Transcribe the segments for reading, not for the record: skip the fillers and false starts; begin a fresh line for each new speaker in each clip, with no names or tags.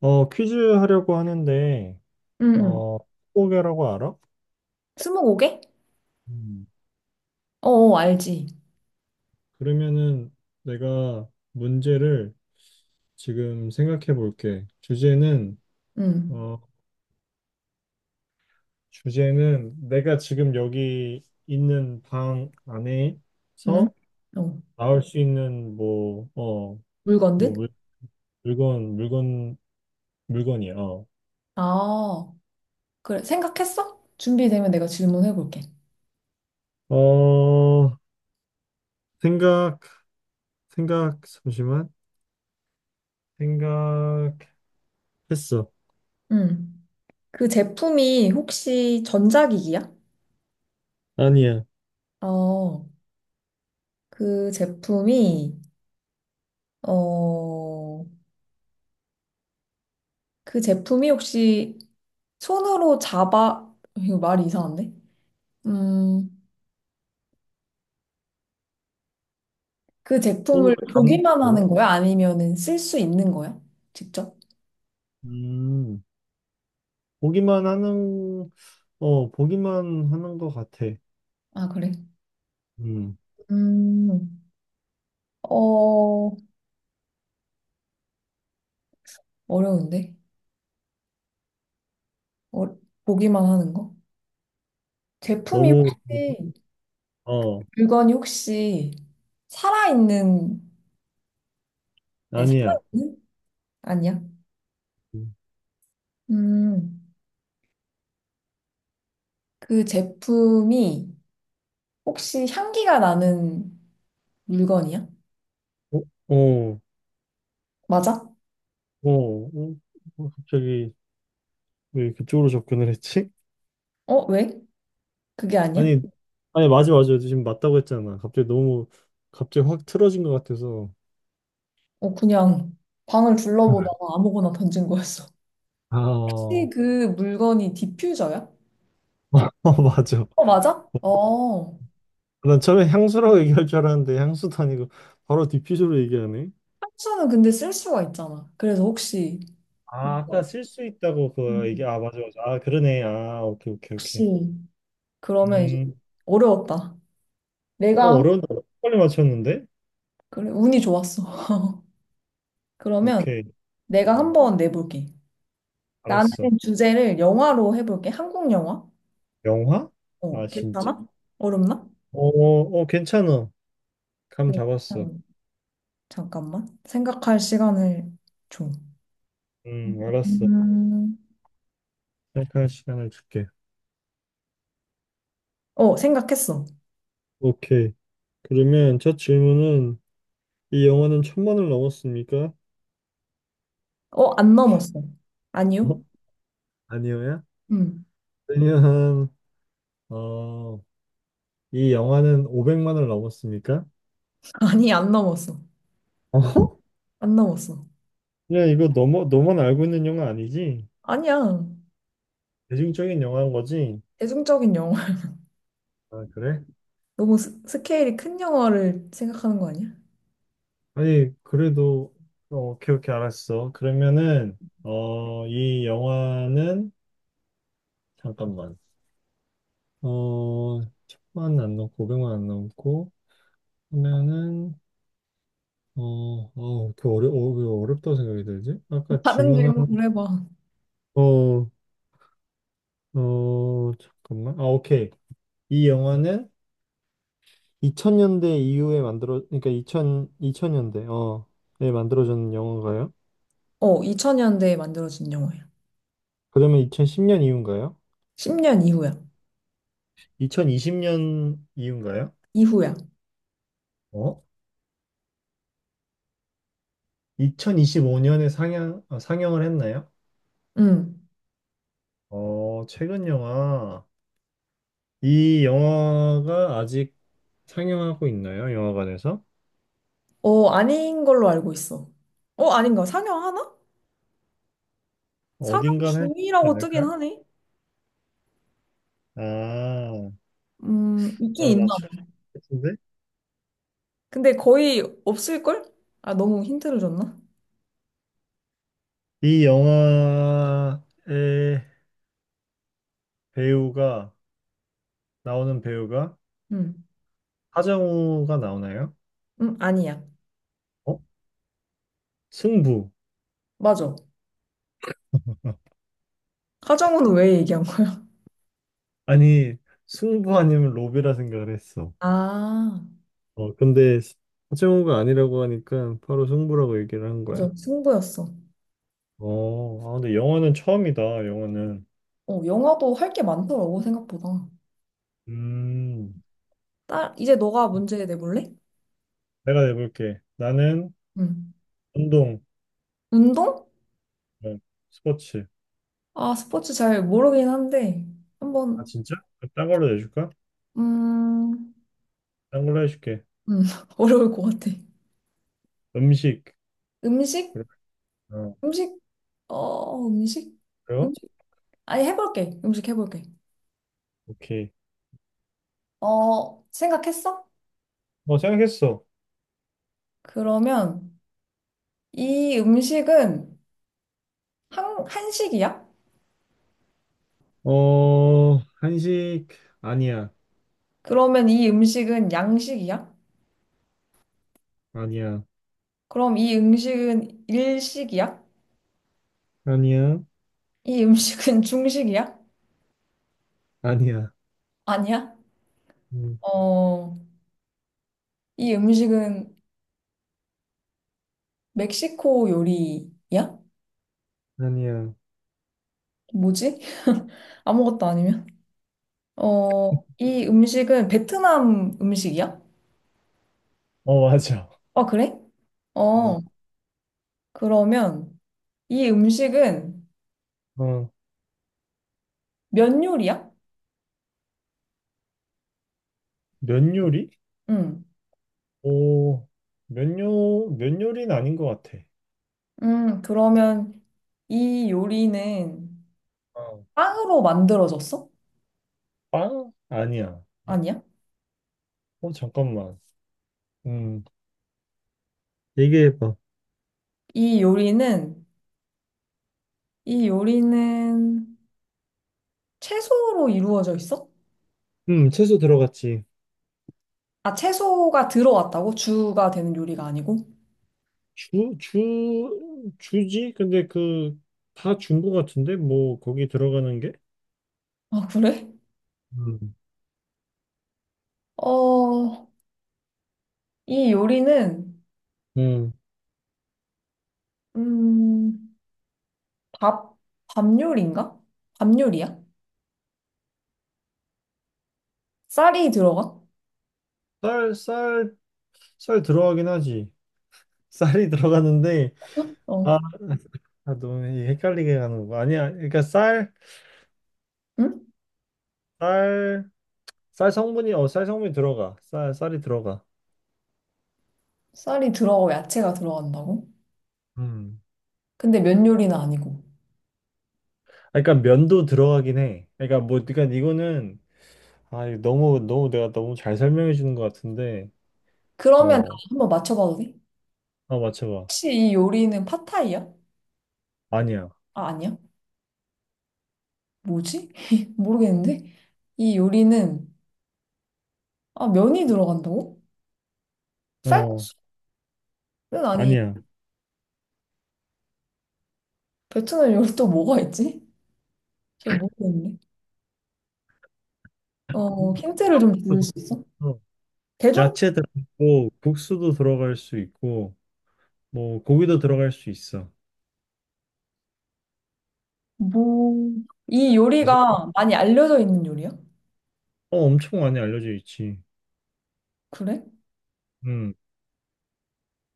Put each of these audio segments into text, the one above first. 퀴즈 하려고 하는데,
응, 응.
어, 스무고개라고 알아?
스무고개?
음.
어, 알지.
그러면은 내가 문제를 지금 생각해 볼게. 주제는,
응,
어, 주제는 내가 지금 여기 있는 방
응.
안에서
어,
나올 수 있는 뭐, 뭐
물건들?
물건, 물건, 물건이야. 어,
아, 그래. 생각했어? 준비되면 내가 질문해볼게.
어, 생각, 생각, 잠시만. 생각했어.
응. 그 제품이 혹시 전자기기야?
아니야.
어, 그 제품이, 어, 그 제품이 혹시 손으로 잡아, 이거 말이 이상한데? 음, 그
손으로
제품을
잡는 게
보기만
뭐야?
하는 거야? 아니면은 쓸 수 있는 거야? 직접?
음, 보기만 하는, 어, 보기만 하는 것 같아.
아, 그래.
음,
음, 어, 어려운데? 어, 보기만 하는 거? 제품이
너무,
혹시,
어,
물건이 혹시 살아있는, 아니,
아니야.
살아있는? 아니야?
음,
음, 그 제품이 혹시 향기가 나는 물건이야?
어, 어,
맞아?
어, 어, 어, 갑자기 왜 그쪽으로 접근을 했지?
어, 왜? 그게 아니야?
아니, 아니, 맞아, 맞아. 지금 맞다고 했잖아. 갑자기 확 틀어진 것 같아서.
어, 그냥 방을 둘러보다가 아무거나 던진 거였어.
아,
혹시
어,
그 물건이 디퓨저야?
어, 맞아.
어, 맞아? 어,
난 처음에 향수라고 얘기할 줄 알았는데, 향수도 아니고, 바로 디퓨저로 얘기하네.
향수는 근데 쓸 수가 있잖아. 그래서 혹시,
아,
뭔가,
아까 쓸 수 있다고 그거
음.
얘기, 아, 맞아, 맞아. 아, 그러네. 아, 오케이, 오케이, 오케이.
혹시 그러면 이제
음,
어려웠다.
어,
내가 한,
어려운데 빨리 맞췄는데?
그래, 운이 좋았어. 그러면
오케이,
내가
어,
한번 내볼게. 나는
알았어.
주제를 영화로 해볼게. 한국 영화.
영화?
어,
아, 진짜?
괜찮아? 어렵나?
어, 어, 괜찮아. 감 잡았어.
그러면 잠깐만. 생각할 시간을 줘.
알았어.
음,
생각할 시간을 줄게.
어, 생각했어.
오케이. 그러면 첫 질문은 이 영화는 천만을 넘었습니까?
어, 안 넘었어. 아니요?
어? 아니요야?
음.
그냥 어, 이 영화는 오백만을 넘었습니까?
아니, 안 넘었어.
어?
안 넘었어.
그냥 이거 너무 너만 알고 있는 영화 아니지?
아니야.
대중적인 영화인 거지?
대중적인 영화.
아, 그래?
너무 스케일이 큰 영화를 생각하는 거 아니야?
아니, 그래도, 어, 오케이, 오케이, 알았어. 그러면은, 어, 이 영화는, 잠깐만, 어, 천만 안 넘고, 500만 안 넘고, 하면은, 어, 어, 어, 왜 어렵다고 생각이 들지? 아까
다른
질문 하나,
질문을 해봐.
어, 어, 잠깐만. 아, 오케이. 이 영화는 2000년대 이후에 만들어, 그러니까 2000, 년대 어, 에 만들어진 영화인가요?
어, 2000년대에 만들어진 영화야.
그러면 2010년 이후인가요?
10년 이후야.
2020년 이후인가요?
이후야.
어? 상영을 했나요?
응.
어, 최근 영화. 이 영화가 아직 상영하고 있나요? 영화관에서?
어, 아닌 걸로 알고 있어. 어, 아닌가? 상영하나? 상영
어딘가는 할수 있지
중이라고 뜨긴
않을까?
하네.
아,
있긴
아
있나?
맞출 수 있겠는데?
근데 거의 없을걸? 아, 너무 힌트를 줬나?
이 영화의 배우가, 나오는 배우가
응.
하정우가 나오나요?
응, 아니야.
어? 승부.
맞아. 하정우는 왜 얘기한 거야?
아니, 승부 아니면 로비라 생각을 했어.
아,
어, 근데 하정우가 아니라고 하니까 바로 승부라고 얘기를 한
맞아.
거야.
승부였어.
어, 아, 근데 영어는 처음이다, 영어는.
어, 영화도 할게 많더라고, 생각보다.
음,
딸, 이제 너가 문제 내볼래?
내가 내볼게. 나는
응.
운동,
운동?
어, 스포츠.
아, 스포츠 잘 모르긴 한데,
아,
한번
진짜? 그럼 딴 걸로 내줄까?
음, 음,
딴 걸로 해줄게.
어려울 것 같아.
음식.
음식?
그래. 어,
음식? 어, 음식?
그래요?
음식? 아니, 해볼게. 음식 해볼게.
오케이.
어, 생각했어?
어, 생각했어.
그러면 이 음식은 한식이야?
어, 한식, 아니야.
그러면 이 음식은 양식이야?
아니야.
그럼 이 음식은 일식이야?
아니야.
이 음식은 중식이야?
아니야.
아니야?
음,
어, 이 음식은 멕시코 요리야?
아니야.
뭐지? 아무것도 아니면? 어, 이 음식은 베트남 음식이야?
어, 맞아.
아, 그래?
어,
어, 그러면 이 음식은
어.
면 요리야?
면 요리?
응.
오, 면 요리는 아닌 것 같아.
그러면 이 요리는
어.
빵으로 만들어졌어?
빵? 아니야.
아니야?
어, 잠깐만. 음, 얘기해봐.
이 요리는, 이 요리는 채소로 이루어져 있어?
채소 들어갔지.
아, 채소가 들어왔다고? 주가 되는 요리가 아니고?
주지? 근데 그, 다 준 거 같은데? 뭐, 거기 들어가는 게?
아, 그래?
음,
어, 이 요리는,
음.
음, 밥, 밥 요리인가? 밥 요리야? 쌀이 들어가?
쌀, 쌀, 쌀 들어가긴 하지. 쌀이 들어가는데,
어,
아, 아, 너무 헷갈리게 가는 거. 아니야.
응?
쌀, 쌀 성분이, 어, 쌀 성분이 들어가. 쌀, 쌀이 들어가.
쌀이 들어가고 야채가 들어간다고?
음.
근데 면 요리는 아니고.
아, 그러니까 면도 들어가긴 해. 그러니까 뭐, 그러니까 이거는 아, 이거 너무, 너무 내가 너무 잘 설명해 주는 것 같은데,
그러면 나
어,
한번 맞춰봐도 돼?
아, 맞춰봐.
혹시 이 요리는 팟타이야?
아니야.
아, 아니야? 뭐지? 모르겠는데? 이 요리는, 아, 면이 들어간다고?
어,
쌀국수는 아니,
아니야.
베트남 요리 또 뭐가 있지? 잘 모르겠네. 어,
음,
힌트를 좀 줄 수 있어?
어.
대중,
야채 들어있고, 국수도 들어갈 수 있고, 뭐, 고기도 들어갈 수 있어.
뭐, 이
아주, 어,
요리가 많이 알려져 있는 요리야?
엄청 많이 알려져 있지.
그래?
음,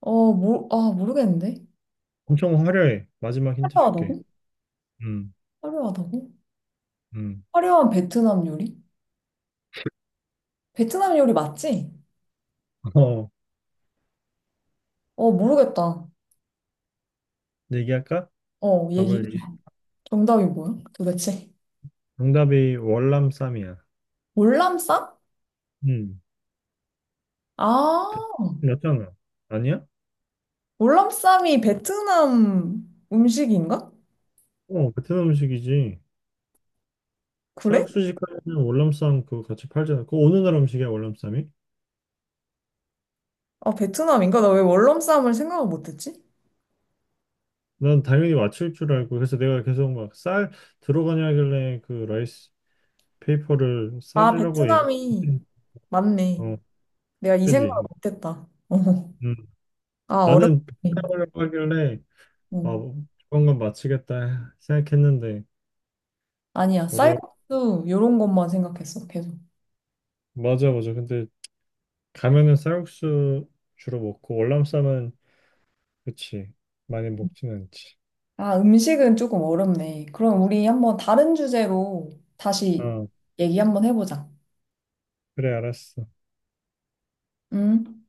아, 모르겠는데?
엄청 화려해. 마지막 힌트 줄게.
화려하다고?
음,
화려하다고?
음.
화려한 베트남 요리? 베트남 요리 맞지?
어,
어, 모르겠다.
얘기할까?
어,
답을. 얘기해.
얘기해줘. 정답이 뭐야? 도대체?
정답이 월남쌈이야.
월남쌈?
음,
아,
베트남잖아 아니야?
월남쌈이 베트남 음식인가?
어, 베트남 음식이지.
그래?
싹수식 하면 월남쌈 그거 같이 팔잖아. 그거 어느 나라 음식이야, 월남쌈이?
아, 베트남인가? 나 왜 월남쌈을 생각을 못했지?
난 당연히 맞출 줄 알고 그래서 내가 계속 막 쌀 들어가냐 하길래 그 라이스 페이퍼를
아,
쌀이라고 얘기
베트남이 맞네.
어,
내가 이 생각을
그지?
못했다. 어.
음.
아, 어렵네.
나는 쌀이라고 하길래 아,
어.
조만간 맞히겠다 생각했는데
아니야,
어려
쌀국수 요런 것만 생각했어, 계속.
맞아 맞아. 근데 가면은 쌀국수 주로 먹고 월남쌈은 그치 많이 먹진 않지.
아, 음식은 조금 어렵네. 그럼 우리 한번 다른 주제로 다시
어,
얘기 한번 해보자.
그래 알았어.
음.